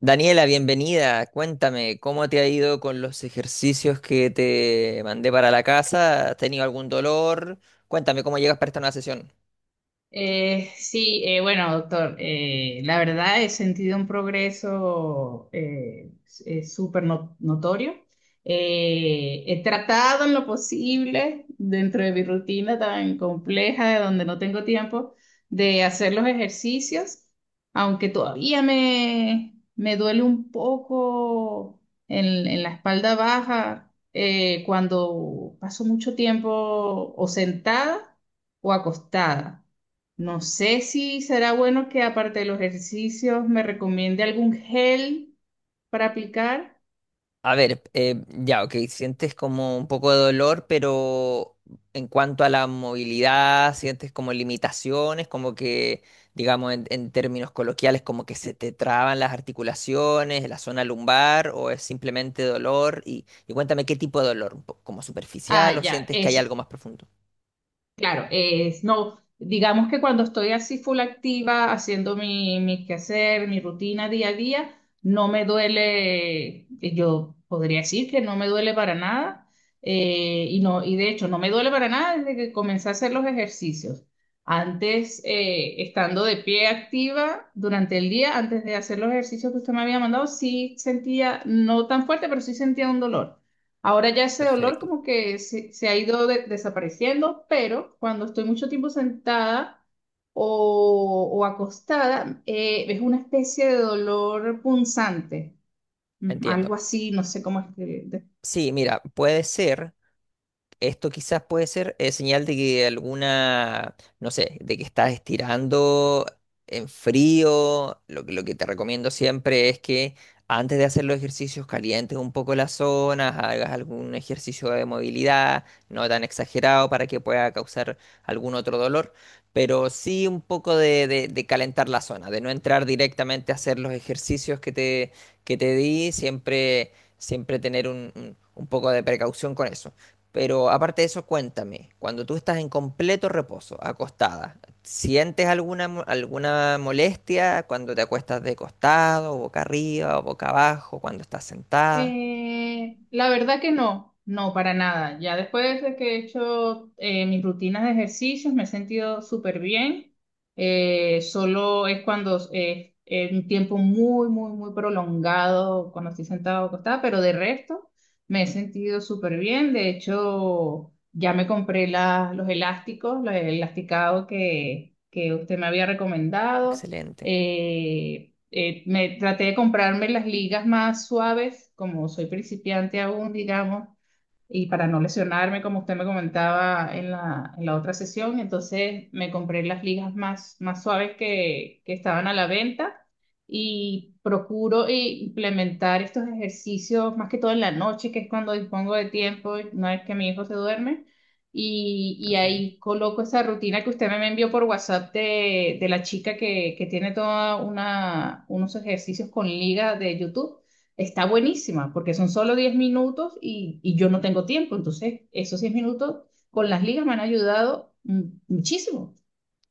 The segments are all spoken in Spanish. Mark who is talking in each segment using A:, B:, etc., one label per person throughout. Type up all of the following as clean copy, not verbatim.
A: Daniela, bienvenida. Cuéntame, ¿cómo te ha ido con los ejercicios que te mandé para la casa? ¿Has tenido algún dolor? Cuéntame, ¿cómo llegas para esta nueva sesión?
B: Sí, bueno, doctor, la verdad he sentido un progreso súper notorio. He tratado en lo posible, dentro de mi rutina tan compleja, de donde no tengo tiempo, de hacer los ejercicios, aunque todavía me duele un poco en la espalda baja cuando paso mucho tiempo o sentada o acostada. No sé si será bueno que aparte de los ejercicios me recomiende algún gel para aplicar.
A: A ver, ya, ok, sientes como un poco de dolor, pero en cuanto a la movilidad, sientes como limitaciones, como que, digamos, en términos coloquiales, como que se te traban las articulaciones, la zona lumbar, o es simplemente dolor. Y cuéntame qué tipo de dolor, como superficial,
B: Ah,
A: o
B: ya,
A: sientes que hay
B: es
A: algo más profundo.
B: Claro, es, no, digamos que cuando estoy así full activa, haciendo mi quehacer, mi rutina día a día, no me duele, yo podría decir que no me duele para nada, y de hecho no me duele para nada desde que comencé a hacer los ejercicios. Antes, estando de pie activa durante el día, antes de hacer los ejercicios que usted me había mandado, sí sentía, no tan fuerte, pero sí sentía un dolor. Ahora ya ese dolor
A: Perfecto,
B: como que se ha ido desapareciendo, pero cuando estoy mucho tiempo sentada o acostada, es una especie de dolor punzante,
A: entiendo.
B: algo así, no sé cómo es.
A: Sí, mira, puede ser. Esto quizás puede ser señal de que alguna, no sé, de que estás estirando en frío. Lo que te recomiendo siempre es que antes de hacer los ejercicios calientes un poco las zonas, hagas algún ejercicio de movilidad, no tan exagerado para que pueda causar algún otro dolor, pero sí un poco de calentar la zona, de no entrar directamente a hacer los ejercicios que te di, siempre, siempre tener un poco de precaución con eso. Pero aparte de eso, cuéntame, cuando tú estás en completo reposo, acostada, ¿sientes alguna, alguna molestia cuando te acuestas de costado, boca arriba o boca abajo, cuando estás sentada?
B: La verdad que no, no, para nada. Ya después de que he hecho mis rutinas de ejercicios me he sentido súper bien. Solo es cuando es un tiempo muy, muy, muy prolongado, cuando estoy sentada o acostada, pero de resto me he sentido súper bien. De hecho, ya me compré los elásticos, los elasticados que usted me había recomendado.
A: Excelente.
B: Eh, me traté de comprarme las ligas más suaves, como soy principiante aún, digamos, y para no lesionarme, como usted me comentaba en la otra sesión, entonces me compré las ligas más suaves que estaban a la venta y procuro implementar estos ejercicios más que todo en la noche, que es cuando dispongo de tiempo, una vez que mi hijo se duerme. Y
A: Ok.
B: ahí coloco esa rutina que usted me envió por WhatsApp de la chica que tiene toda una, unos ejercicios con liga de YouTube, está buenísima, porque son solo 10 minutos y yo no tengo tiempo. Entonces, esos 10 minutos con las ligas me han ayudado, muchísimo.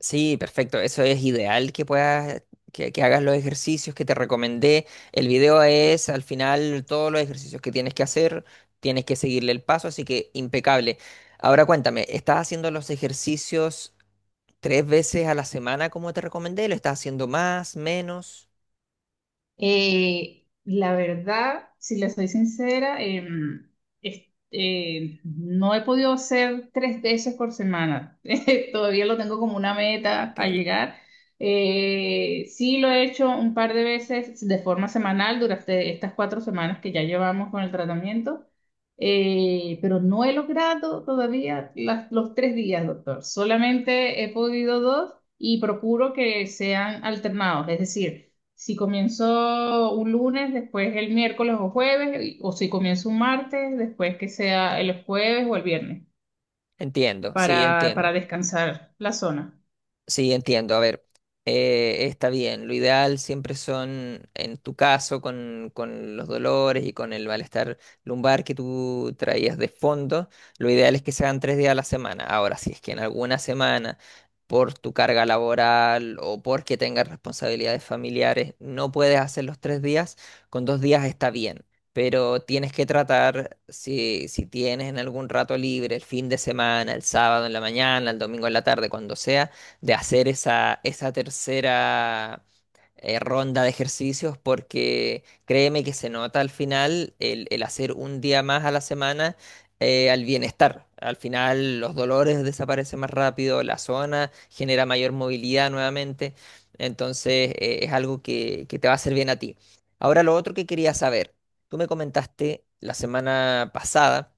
A: Sí, perfecto. Eso es ideal que puedas, que hagas los ejercicios que te recomendé. El video es al final todos los ejercicios que tienes que hacer, tienes que seguirle el paso, así que impecable. Ahora cuéntame, ¿estás haciendo los ejercicios? Tres veces a la semana, como te recomendé, lo estás haciendo más, menos.
B: La verdad, si le soy sincera, es- no he podido hacer 3 veces por semana. Todavía lo tengo como una meta a
A: Ok,
B: llegar. Sí lo he hecho un par de veces de forma semanal durante estas 4 semanas que ya llevamos con el tratamiento. Pero no he logrado todavía los 3 días, doctor. Solamente he podido dos y procuro que sean alternados, es decir. Si comienzo un lunes, después el miércoles o jueves, o si comienzo un martes, después que sea el jueves o el viernes,
A: entiendo, sí, entiendo.
B: para descansar la zona.
A: Sí, entiendo. A ver, está bien. Lo ideal siempre son, en tu caso, con los dolores y con el malestar lumbar que tú traías de fondo, lo ideal es que sean tres días a la semana. Ahora, si es que en alguna semana, por tu carga laboral o porque tengas responsabilidades familiares, no puedes hacer los tres días, con dos días está bien. Pero tienes que tratar, si tienes en algún rato libre, el fin de semana, el sábado en la mañana, el domingo en la tarde, cuando sea de hacer esa tercera ronda de ejercicios porque créeme que se nota al final el hacer un día más a la semana al bienestar. Al final los dolores desaparecen más rápido, la zona genera mayor movilidad nuevamente, entonces es algo que te va a hacer bien a ti. Ahora lo otro que quería saber, tú me comentaste la semana pasada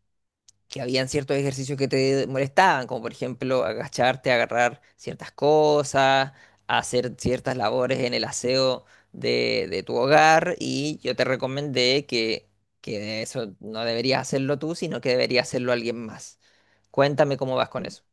A: que habían ciertos ejercicios que te molestaban, como por ejemplo agacharte, agarrar ciertas cosas, hacer ciertas labores en el aseo de tu hogar, y yo te recomendé que eso no deberías hacerlo tú, sino que debería hacerlo alguien más. Cuéntame cómo vas con eso,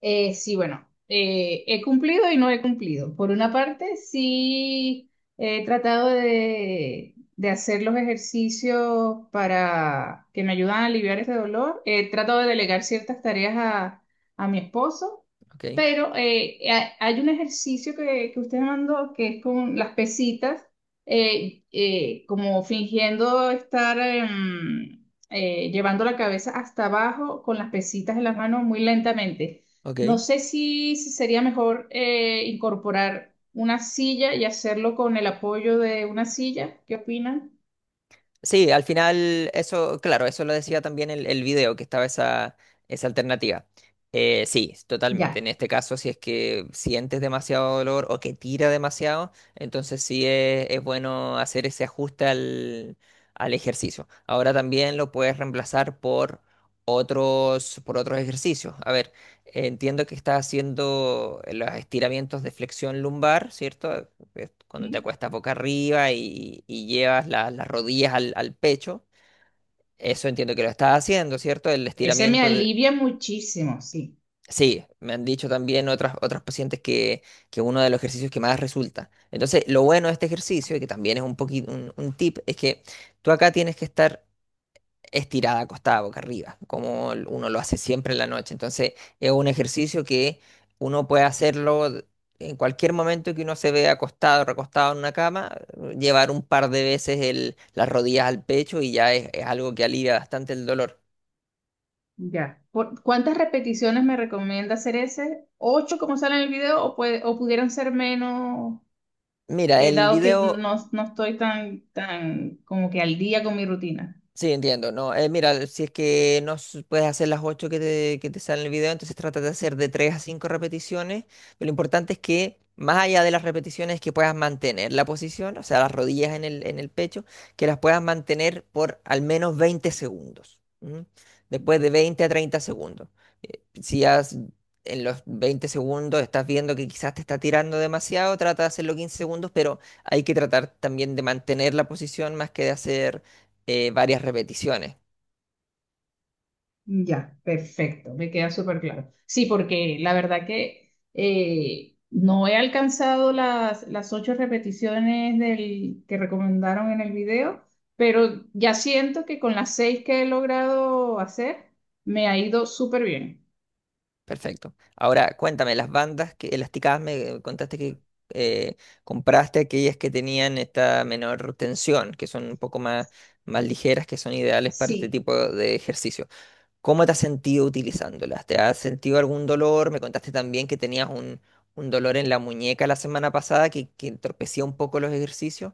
B: Sí, bueno, he cumplido y no he cumplido. Por una parte, sí he tratado de hacer los ejercicios para que me ayudan a aliviar ese dolor. He tratado de delegar ciertas tareas a mi esposo,
A: ¿ok?
B: pero hay un ejercicio que usted me mandó que es con las pesitas, como fingiendo estar llevando la cabeza hasta abajo con las pesitas en las manos muy lentamente. No
A: Ok.
B: sé si sería mejor incorporar una silla y hacerlo con el apoyo de una silla. ¿Qué opinan?
A: Sí, al final, eso, claro, eso lo decía también el video, que estaba esa alternativa. Sí, totalmente. En
B: Ya.
A: este caso, si es que sientes demasiado dolor o que tira demasiado, entonces sí es bueno hacer ese ajuste al ejercicio. Ahora también lo puedes reemplazar por otros ejercicios. A ver, entiendo que estás haciendo los estiramientos de flexión lumbar, ¿cierto? Que cuando te
B: ¿Sí?
A: acuestas boca arriba y llevas las rodillas al pecho, eso entiendo que lo estás haciendo, ¿cierto? El
B: Ese me
A: estiramiento de...
B: alivia muchísimo, sí.
A: Sí, me han dicho también otras, otras pacientes que uno de los ejercicios que más resulta. Entonces, lo bueno de este ejercicio, y que también es un poquito un tip, es que tú acá tienes que estar estirada, acostada, boca arriba, como uno lo hace siempre en la noche. Entonces, es un ejercicio que uno puede hacerlo en cualquier momento que uno se vea acostado, recostado en una cama, llevar un par de veces las rodillas al pecho y ya es algo que alivia bastante el dolor.
B: Ya. ¿Por cuántas repeticiones me recomienda hacer ese? ¿Ocho como sale en el video o, o pudieran ser menos,
A: Mira, el
B: dado que
A: video.
B: no, no estoy tan como que al día con mi rutina?
A: Sí, entiendo, ¿no? Mira, si es que no s- puedes hacer las 8 que te salen en el video, entonces trata de hacer de 3 a 5 repeticiones, pero lo importante es que más allá de las repeticiones que puedas mantener la posición, o sea, las rodillas en el pecho, que las puedas mantener por al menos 20 segundos, ¿m? Después de 20 a 30 segundos. Si has, en los 20 segundos estás viendo que quizás te está tirando demasiado, trata de hacerlo 15 segundos, pero hay que tratar también de mantener la posición más que de hacer varias repeticiones.
B: Ya, perfecto, me queda súper claro. Sí, porque la verdad que no he alcanzado las 8 repeticiones que recomendaron en el video, pero ya siento que con las seis que he logrado hacer, me ha ido súper bien.
A: Perfecto. Ahora, cuéntame, las bandas que elasticadas me contaste que eh, compraste aquellas que tenían esta menor tensión, que son un poco más, más ligeras, que son ideales para este
B: Sí.
A: tipo de ejercicio. ¿Cómo te has sentido utilizándolas? ¿Te has sentido algún dolor? Me contaste también que tenías un dolor en la muñeca la semana pasada que entorpecía un poco los ejercicios,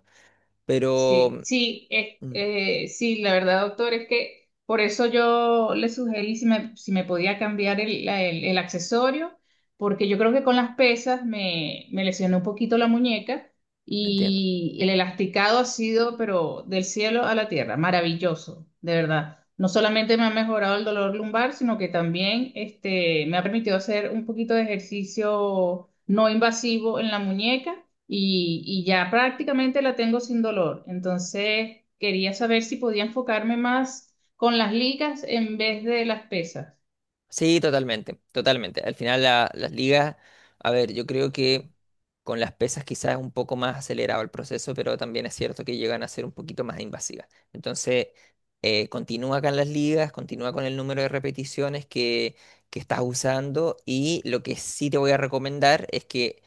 A: pero mm,
B: Sí, la verdad, doctor, es que por eso yo le sugerí si si me podía cambiar el accesorio, porque yo creo que con las pesas me lesioné un poquito la muñeca
A: entiendo.
B: y el elasticado ha sido, pero del cielo a la tierra, maravilloso, de verdad. No solamente me ha mejorado el dolor lumbar, sino que también este, me ha permitido hacer un poquito de ejercicio no invasivo en la muñeca y ya prácticamente la tengo sin dolor. Entonces, quería saber si podía enfocarme más con las ligas en vez de las pesas.
A: Sí, totalmente, totalmente. Al final las ligas, a ver, yo creo que con las pesas quizás es un poco más acelerado el proceso, pero también es cierto que llegan a ser un poquito más invasivas. Entonces, continúa con las ligas, continúa con el número de repeticiones que estás usando y lo que sí te voy a recomendar es que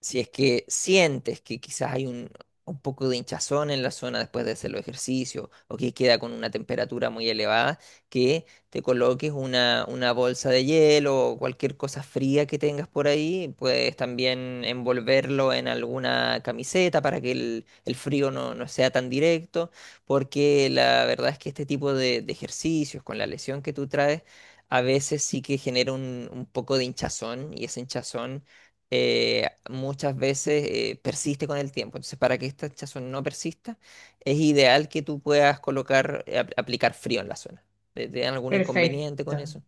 A: si es que sientes que quizás hay un poco de hinchazón en la zona después de hacer los ejercicios o que queda con una temperatura muy elevada, que te coloques una bolsa de hielo o cualquier cosa fría que tengas por ahí, puedes también envolverlo en alguna camiseta para que el frío no, no sea tan directo, porque la verdad es que este tipo de ejercicios con la lesión que tú traes, a veces sí que genera un poco de hinchazón y ese hinchazón muchas veces persiste con el tiempo. Entonces, para que esta hinchazón no persista, es ideal que tú puedas colocar, aplicar frío en la zona. ¿Te, te dan algún
B: Perfecto.
A: inconveniente con eso?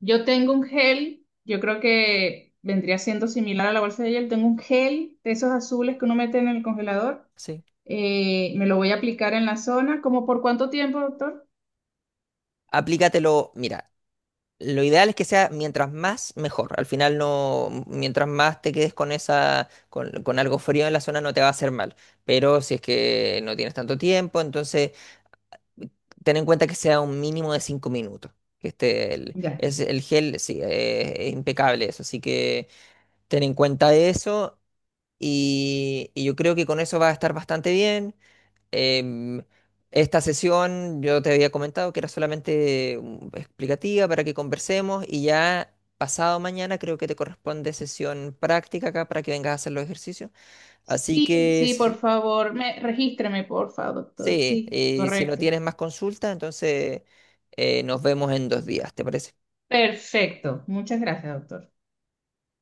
B: Yo tengo un gel, yo creo que vendría siendo similar a la bolsa de gel. Tengo un gel de esos azules que uno mete en el congelador.
A: Sí.
B: Me lo voy a aplicar en la zona. ¿Cómo por cuánto tiempo, doctor?
A: Aplícatelo, mira, lo ideal es que sea mientras más, mejor. Al final no, mientras más te quedes con esa, con algo frío en la zona no te va a hacer mal. Pero si es que no tienes tanto tiempo, entonces ten en cuenta que sea un mínimo de 5 minutos. Que esté
B: Ya.
A: el gel, sí, es impecable eso. Así que ten en cuenta eso. Y yo creo que con eso va a estar bastante bien. Em, esta sesión yo te había comentado que era solamente explicativa para que conversemos. Y ya pasado mañana creo que te corresponde sesión práctica acá para que vengas a hacer los ejercicios. Así
B: Sí,
A: que
B: sí, por favor, regístreme, por favor, doctor.
A: sí,
B: Sí,
A: y si no
B: correcto.
A: tienes más consultas, entonces nos vemos en 2 días, ¿te parece?
B: Perfecto. Muchas gracias, doctor.